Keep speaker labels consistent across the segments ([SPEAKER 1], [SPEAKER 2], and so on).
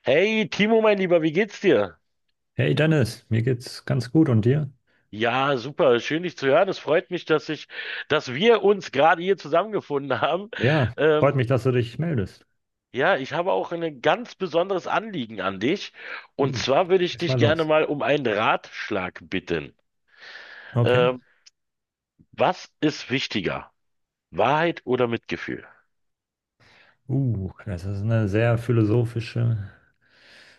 [SPEAKER 1] Hey Timo, mein Lieber, wie geht's dir?
[SPEAKER 2] Hey Dennis, mir geht's ganz gut und dir?
[SPEAKER 1] Ja, super, schön dich zu hören. Es freut mich, dass wir uns gerade hier zusammengefunden haben.
[SPEAKER 2] Ja, freut
[SPEAKER 1] Ähm,
[SPEAKER 2] mich, dass du dich meldest.
[SPEAKER 1] ja, ich habe auch ein ganz besonderes Anliegen an dich. Und
[SPEAKER 2] Uh,
[SPEAKER 1] zwar würde ich
[SPEAKER 2] Ist
[SPEAKER 1] dich
[SPEAKER 2] mal
[SPEAKER 1] gerne
[SPEAKER 2] los.
[SPEAKER 1] mal um einen Ratschlag bitten.
[SPEAKER 2] Okay.
[SPEAKER 1] Ähm, was ist wichtiger? Wahrheit oder Mitgefühl?
[SPEAKER 2] Das ist eine sehr philosophische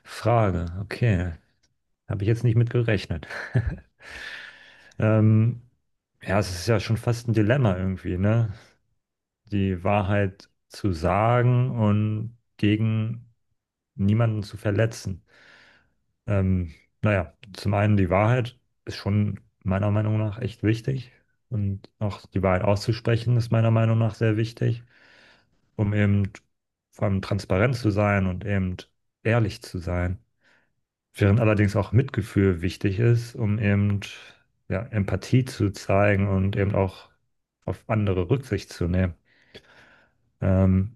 [SPEAKER 2] Frage. Okay, habe ich jetzt nicht mit gerechnet. Ähm, ja, es ist ja schon fast ein Dilemma irgendwie, ne? Die Wahrheit zu sagen und gegen niemanden zu verletzen. Ähm, naja, zum einen die Wahrheit ist schon meiner Meinung nach echt wichtig und auch die Wahrheit auszusprechen ist meiner Meinung nach sehr wichtig, um eben vor allem transparent zu sein und eben ehrlich zu sein. Während allerdings auch Mitgefühl wichtig ist, um eben ja, Empathie zu zeigen und eben auch auf andere Rücksicht zu nehmen. Ähm,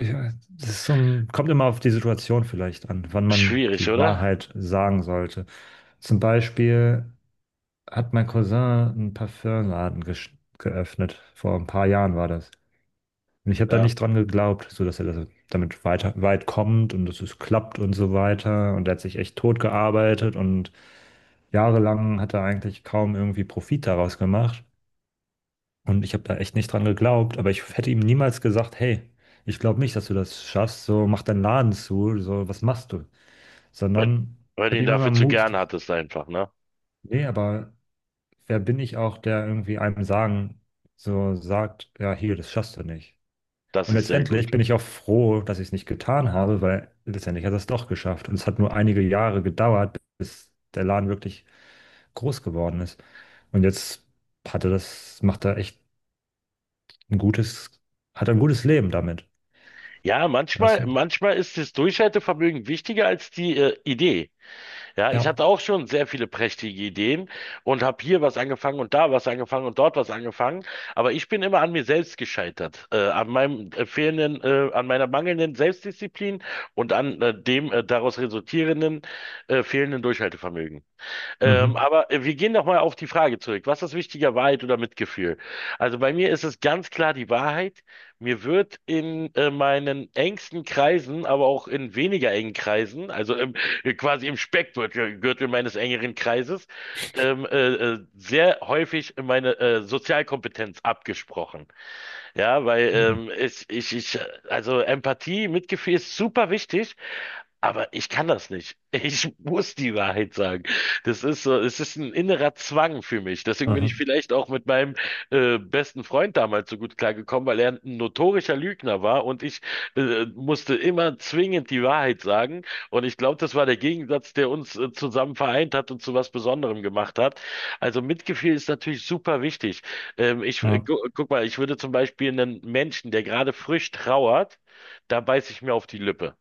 [SPEAKER 2] ja, das ist so ein, kommt immer auf die Situation vielleicht an, wann man
[SPEAKER 1] Schwierig,
[SPEAKER 2] die
[SPEAKER 1] oder?
[SPEAKER 2] Wahrheit sagen sollte. Zum Beispiel hat mein Cousin einen Parfümladen geöffnet. Vor ein paar Jahren war das. Und ich habe da
[SPEAKER 1] Ja.
[SPEAKER 2] nicht dran geglaubt, so dass er damit weit kommt und dass es klappt und so weiter. Und er hat sich echt tot gearbeitet und jahrelang hat er eigentlich kaum irgendwie Profit daraus gemacht. Und ich habe da echt nicht dran geglaubt, aber ich hätte ihm niemals gesagt, hey, ich glaube nicht, dass du das schaffst, so mach deinen Laden zu, so was machst du?
[SPEAKER 1] Weil,
[SPEAKER 2] Sondern
[SPEAKER 1] weil
[SPEAKER 2] ich
[SPEAKER 1] du
[SPEAKER 2] habe
[SPEAKER 1] ihn
[SPEAKER 2] ihm
[SPEAKER 1] dafür
[SPEAKER 2] immer
[SPEAKER 1] zu
[SPEAKER 2] Mut.
[SPEAKER 1] gern hattest einfach, ne?
[SPEAKER 2] Nee, aber wer bin ich auch, der irgendwie einem sagen, so sagt, ja, hier, das schaffst du nicht.
[SPEAKER 1] Das
[SPEAKER 2] Und
[SPEAKER 1] ist sehr
[SPEAKER 2] letztendlich
[SPEAKER 1] gut.
[SPEAKER 2] bin ich auch froh, dass ich es nicht getan habe, weil letztendlich hat er es doch geschafft. Und es hat nur einige Jahre gedauert, bis der Laden wirklich groß geworden ist. Und jetzt macht er echt ein gutes, hat er ein gutes Leben damit.
[SPEAKER 1] Ja,
[SPEAKER 2] Weißt
[SPEAKER 1] manchmal,
[SPEAKER 2] du?
[SPEAKER 1] manchmal ist das Durchhaltevermögen wichtiger als die, Idee. Ja, ich
[SPEAKER 2] Ja.
[SPEAKER 1] hatte auch schon sehr viele prächtige Ideen und habe hier was angefangen und da was angefangen und dort was angefangen. Aber ich bin immer an mir selbst gescheitert, an meinem fehlenden, an meiner mangelnden Selbstdisziplin und an dem daraus resultierenden fehlenden Durchhaltevermögen.
[SPEAKER 2] Mhm.
[SPEAKER 1] Aber wir gehen nochmal auf die Frage zurück. Was ist wichtiger, Wahrheit oder Mitgefühl? Also bei mir ist es ganz klar die Wahrheit. Mir wird in meinen engsten Kreisen, aber auch in weniger engen Kreisen, also quasi im Speckgürtel Gürtel meines engeren Kreises, ähm, äh, sehr häufig meine Sozialkompetenz abgesprochen. Ja, weil
[SPEAKER 2] Mhm.
[SPEAKER 1] also Empathie, Mitgefühl ist super wichtig, aber ich kann das nicht. Ich muss die Wahrheit sagen. Das ist so, es ist ein innerer Zwang für mich. Deswegen bin
[SPEAKER 2] Aha.
[SPEAKER 1] ich vielleicht auch mit meinem besten Freund damals so gut klargekommen, weil er ein notorischer Lügner war und ich musste immer zwingend die Wahrheit sagen. Und ich glaube, das war der Gegensatz, der uns zusammen vereint hat und zu was Besonderem gemacht hat. Also Mitgefühl ist natürlich super wichtig. Ich,
[SPEAKER 2] Ja.
[SPEAKER 1] gu guck mal, ich würde zum Beispiel einen Menschen, der gerade frisch trauert, da beiße ich mir auf die Lippe.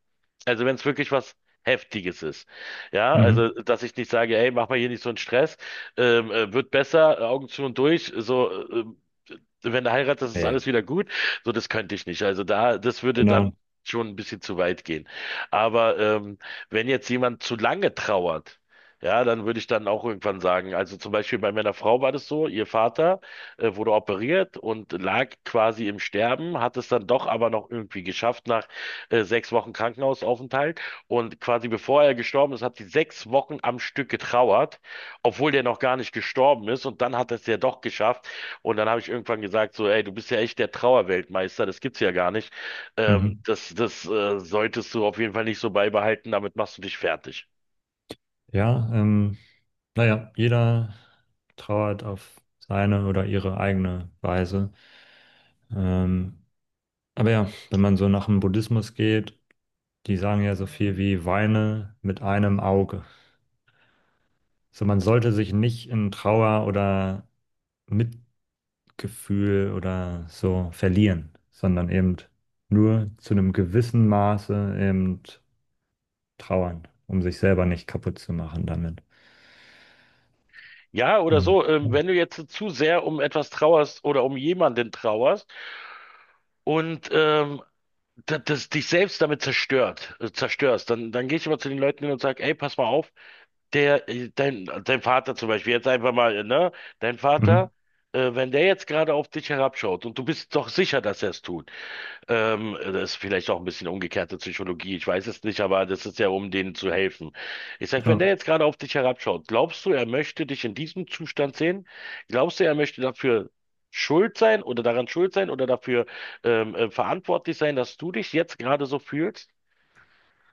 [SPEAKER 1] Also wenn es wirklich was Heftiges ist. Ja, also
[SPEAKER 2] Mhm.
[SPEAKER 1] dass ich nicht sage, ey, mach mal hier nicht so einen Stress, wird besser, Augen zu und durch, so wenn du heiratest, ist
[SPEAKER 2] Nee.
[SPEAKER 1] alles wieder gut. So, das könnte ich nicht. Also da, das würde dann
[SPEAKER 2] Genau.
[SPEAKER 1] schon ein bisschen zu weit gehen. Aber wenn jetzt jemand zu lange trauert, ja, dann würde ich dann auch irgendwann sagen, also zum Beispiel bei meiner Frau war das so, ihr Vater wurde operiert und lag quasi im Sterben, hat es dann doch aber noch irgendwie geschafft nach sechs Wochen Krankenhausaufenthalt. Und quasi bevor er gestorben ist, hat sie sechs Wochen am Stück getrauert, obwohl der noch gar nicht gestorben ist. Und dann hat es ja doch geschafft, und dann habe ich irgendwann gesagt, so, ey, du bist ja echt der Trauerweltmeister, das gibt's ja gar nicht.
[SPEAKER 2] Mhm.
[SPEAKER 1] Das das solltest du auf jeden Fall nicht so beibehalten, damit machst du dich fertig.
[SPEAKER 2] Ja, naja, jeder trauert auf seine oder ihre eigene Weise. Ähm, aber ja, wenn man so nach dem Buddhismus geht, die sagen ja so viel wie weine mit einem Auge. So, man sollte sich nicht in Trauer oder Mitgefühl oder so verlieren, sondern eben nur zu einem gewissen Maße eben trauern, um sich selber nicht kaputt zu machen damit.
[SPEAKER 1] Ja, oder
[SPEAKER 2] Und
[SPEAKER 1] so,
[SPEAKER 2] ja,
[SPEAKER 1] wenn du jetzt zu sehr um etwas trauerst oder um jemanden trauerst und das dich selbst damit zerstört, zerstörst, dann, dann gehe ich immer zu den Leuten hin und sage, ey, pass mal auf, dein Vater zum Beispiel, jetzt einfach mal, ne, dein
[SPEAKER 2] mhm.
[SPEAKER 1] Vater, wenn der jetzt gerade auf dich herabschaut und du bist doch sicher, dass er es tut. Das ist vielleicht auch ein bisschen umgekehrte Psychologie, ich weiß es nicht, aber das ist ja, um denen zu helfen. Ich sag, wenn der
[SPEAKER 2] Ja,
[SPEAKER 1] jetzt gerade auf dich herabschaut, glaubst du, er möchte dich in diesem Zustand sehen? Glaubst du, er möchte dafür schuld sein oder daran schuld sein oder dafür verantwortlich sein, dass du dich jetzt gerade so fühlst?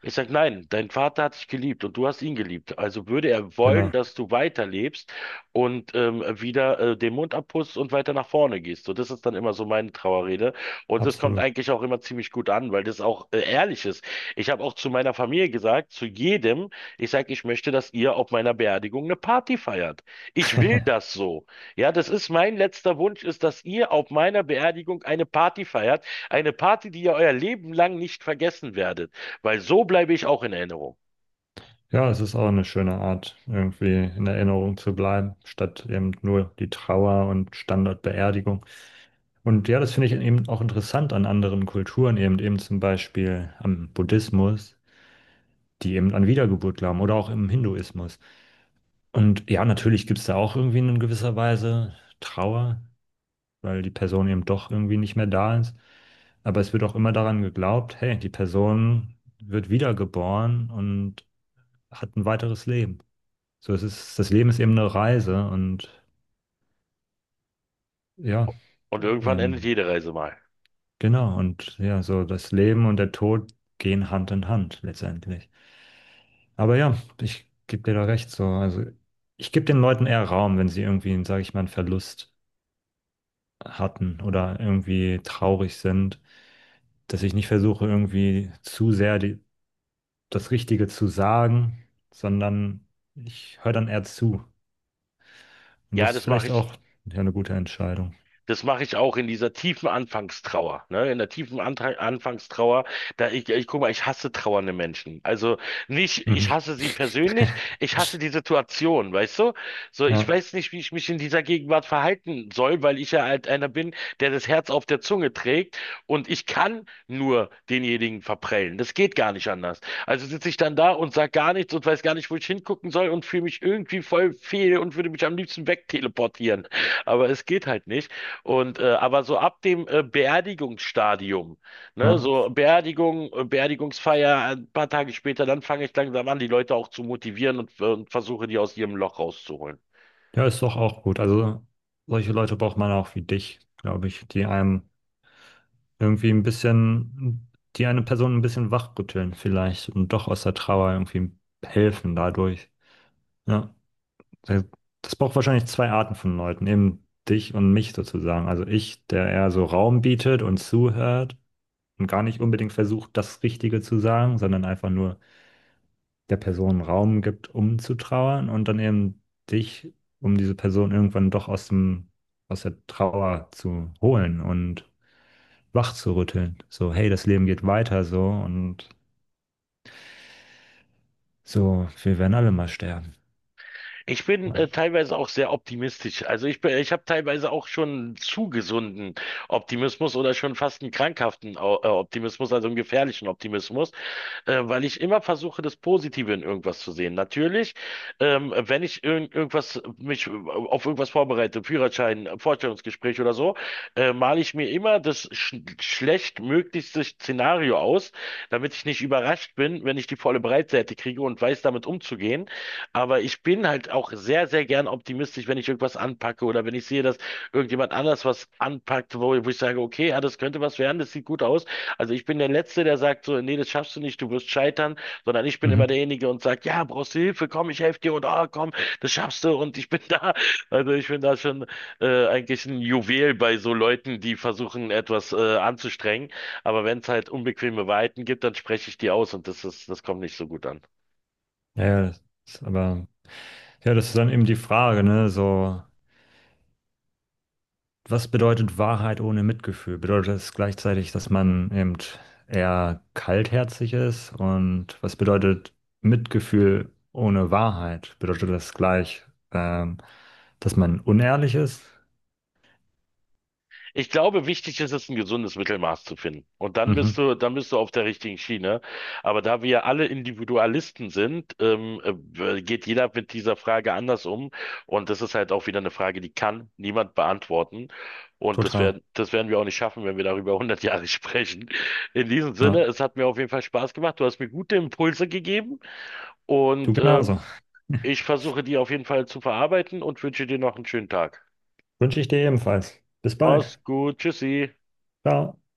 [SPEAKER 1] Ich sage nein, dein Vater hat dich geliebt und du hast ihn geliebt. Also würde er wollen,
[SPEAKER 2] genau,
[SPEAKER 1] dass du weiterlebst und wieder den Mund abpustest und weiter nach vorne gehst. So, das ist dann immer so meine Trauerrede. Und das kommt
[SPEAKER 2] absolut.
[SPEAKER 1] eigentlich auch immer ziemlich gut an, weil das auch ehrlich ist. Ich habe auch zu meiner Familie gesagt, zu jedem, ich sage, ich möchte, dass ihr auf meiner Beerdigung eine Party feiert. Ich will das so. Ja, das ist mein letzter Wunsch, ist, dass ihr auf meiner Beerdigung eine Party feiert. Eine Party, die ihr euer Leben lang nicht vergessen werdet. Weil so bleibe ich auch in Erinnerung.
[SPEAKER 2] Ja, es ist auch eine schöne Art, irgendwie in Erinnerung zu bleiben, statt eben nur die Trauer und Standardbeerdigung. Und ja, das finde ich eben auch interessant an anderen Kulturen, eben eben zum Beispiel am Buddhismus, die eben an Wiedergeburt glauben oder auch im Hinduismus. Und ja, natürlich gibt es da auch irgendwie in gewisser Weise Trauer, weil die Person eben doch irgendwie nicht mehr da ist. Aber es wird auch immer daran geglaubt, hey, die Person wird wiedergeboren und hat ein weiteres Leben. So, es ist, das Leben ist eben eine Reise und ja,
[SPEAKER 1] Und irgendwann endet
[SPEAKER 2] ähm,
[SPEAKER 1] jede Reise mal.
[SPEAKER 2] genau, und ja, so das Leben und der Tod gehen Hand in Hand letztendlich. Aber ja, ich gebe dir da recht, so, also ich gebe den Leuten eher Raum, wenn sie irgendwie, sage ich mal, einen Verlust hatten oder irgendwie traurig sind, dass ich nicht versuche, irgendwie zu sehr die, das Richtige zu sagen, sondern ich höre dann eher zu. Und das
[SPEAKER 1] Ja,
[SPEAKER 2] ist vielleicht auch ja, eine gute Entscheidung.
[SPEAKER 1] das mache ich auch in dieser tiefen Anfangstrauer, ne? In der tiefen Antra Anfangstrauer, ich guck mal, ich hasse trauernde Menschen. Also nicht, ich
[SPEAKER 2] Mhm.
[SPEAKER 1] hasse sie persönlich, ich hasse die Situation, weißt du? So, ich
[SPEAKER 2] Ja,
[SPEAKER 1] weiß nicht, wie ich mich in dieser Gegenwart verhalten soll, weil ich ja halt einer bin, der das Herz auf der Zunge trägt und ich kann nur denjenigen verprellen. Das geht gar nicht anders. Also sitze ich dann da und sag gar nichts und weiß gar nicht, wo ich hingucken soll und fühle mich irgendwie voll fehl und würde mich am liebsten wegteleportieren. Aber es geht halt nicht. Aber so ab dem Beerdigungsstadium, ne,
[SPEAKER 2] ja.
[SPEAKER 1] so Beerdigungsfeier, ein paar Tage später, dann fange ich langsam an, die Leute auch zu motivieren und versuche die aus ihrem Loch rauszuholen.
[SPEAKER 2] Ja, ist doch auch gut. Also solche Leute braucht man auch wie dich, glaube ich, die einem irgendwie ein bisschen, die eine Person ein bisschen wachrütteln vielleicht und doch aus der Trauer irgendwie helfen dadurch. Ja, das das braucht wahrscheinlich zwei Arten von Leuten, eben dich und mich sozusagen. Also ich, der eher so Raum bietet und zuhört und gar nicht unbedingt versucht, das Richtige zu sagen, sondern einfach nur der Person Raum gibt, um zu trauern und dann eben dich, um diese Person irgendwann doch aus dem, aus der Trauer zu holen und wach zu rütteln. So, hey, das Leben geht weiter so und so, wir werden alle mal sterben.
[SPEAKER 1] Ich bin
[SPEAKER 2] Ja,
[SPEAKER 1] teilweise auch sehr optimistisch. Also ich habe teilweise auch schon zu gesunden Optimismus oder schon fast einen Optimismus, also einen gefährlichen Optimismus, weil ich immer versuche, das Positive in irgendwas zu sehen. Natürlich, wenn irgendwas mich auf irgendwas vorbereite, Führerschein, Vorstellungsgespräch oder so, male ich mir immer das schlechtmöglichste Szenario aus, damit ich nicht überrascht bin, wenn ich die volle Breitseite kriege und weiß, damit umzugehen. Aber ich bin halt auch sehr, sehr gern optimistisch, wenn ich irgendwas anpacke oder wenn ich sehe, dass irgendjemand anders was anpackt, wo ich sage, okay, ja, das könnte was werden, das sieht gut aus. Also ich bin der Letzte, der sagt so, nee, das schaffst du nicht, du wirst scheitern, sondern ich bin immer
[SPEAKER 2] mhm.
[SPEAKER 1] derjenige und sagt, ja, brauchst du Hilfe, komm, ich helfe dir und ah, komm, das schaffst du und ich bin da. Also ich bin da schon eigentlich ein Juwel bei so Leuten, die versuchen, etwas anzustrengen. Aber wenn es halt unbequeme Wahrheiten gibt, dann spreche ich die aus und das ist, das kommt nicht so gut an.
[SPEAKER 2] Ja ja, das ist aber, ja, das ist dann eben die Frage, ne, so, was bedeutet Wahrheit ohne Mitgefühl? Bedeutet es gleichzeitig, dass man eben eher kaltherzig ist? Und was bedeutet Mitgefühl ohne Wahrheit? Bedeutet das gleich, ähm, dass man unehrlich ist?
[SPEAKER 1] Ich glaube, wichtig ist es, ein gesundes Mittelmaß zu finden. Und
[SPEAKER 2] Mhm,
[SPEAKER 1] dann bist du auf der richtigen Schiene. Aber da wir ja alle Individualisten sind, geht jeder mit dieser Frage anders um. Und das ist halt auch wieder eine Frage, die kann niemand beantworten. Und
[SPEAKER 2] total.
[SPEAKER 1] das werden wir auch nicht schaffen, wenn wir darüber 100 Jahre sprechen. In diesem Sinne,
[SPEAKER 2] Ja,
[SPEAKER 1] es hat mir auf jeden Fall Spaß gemacht. Du hast mir gute Impulse gegeben
[SPEAKER 2] du
[SPEAKER 1] und
[SPEAKER 2] genauso.
[SPEAKER 1] ich versuche die auf jeden Fall zu verarbeiten und wünsche dir noch einen schönen Tag.
[SPEAKER 2] Wünsche ich dir ebenfalls. Bis
[SPEAKER 1] Mach's
[SPEAKER 2] bald.
[SPEAKER 1] gut. Tschüssi.
[SPEAKER 2] Ciao.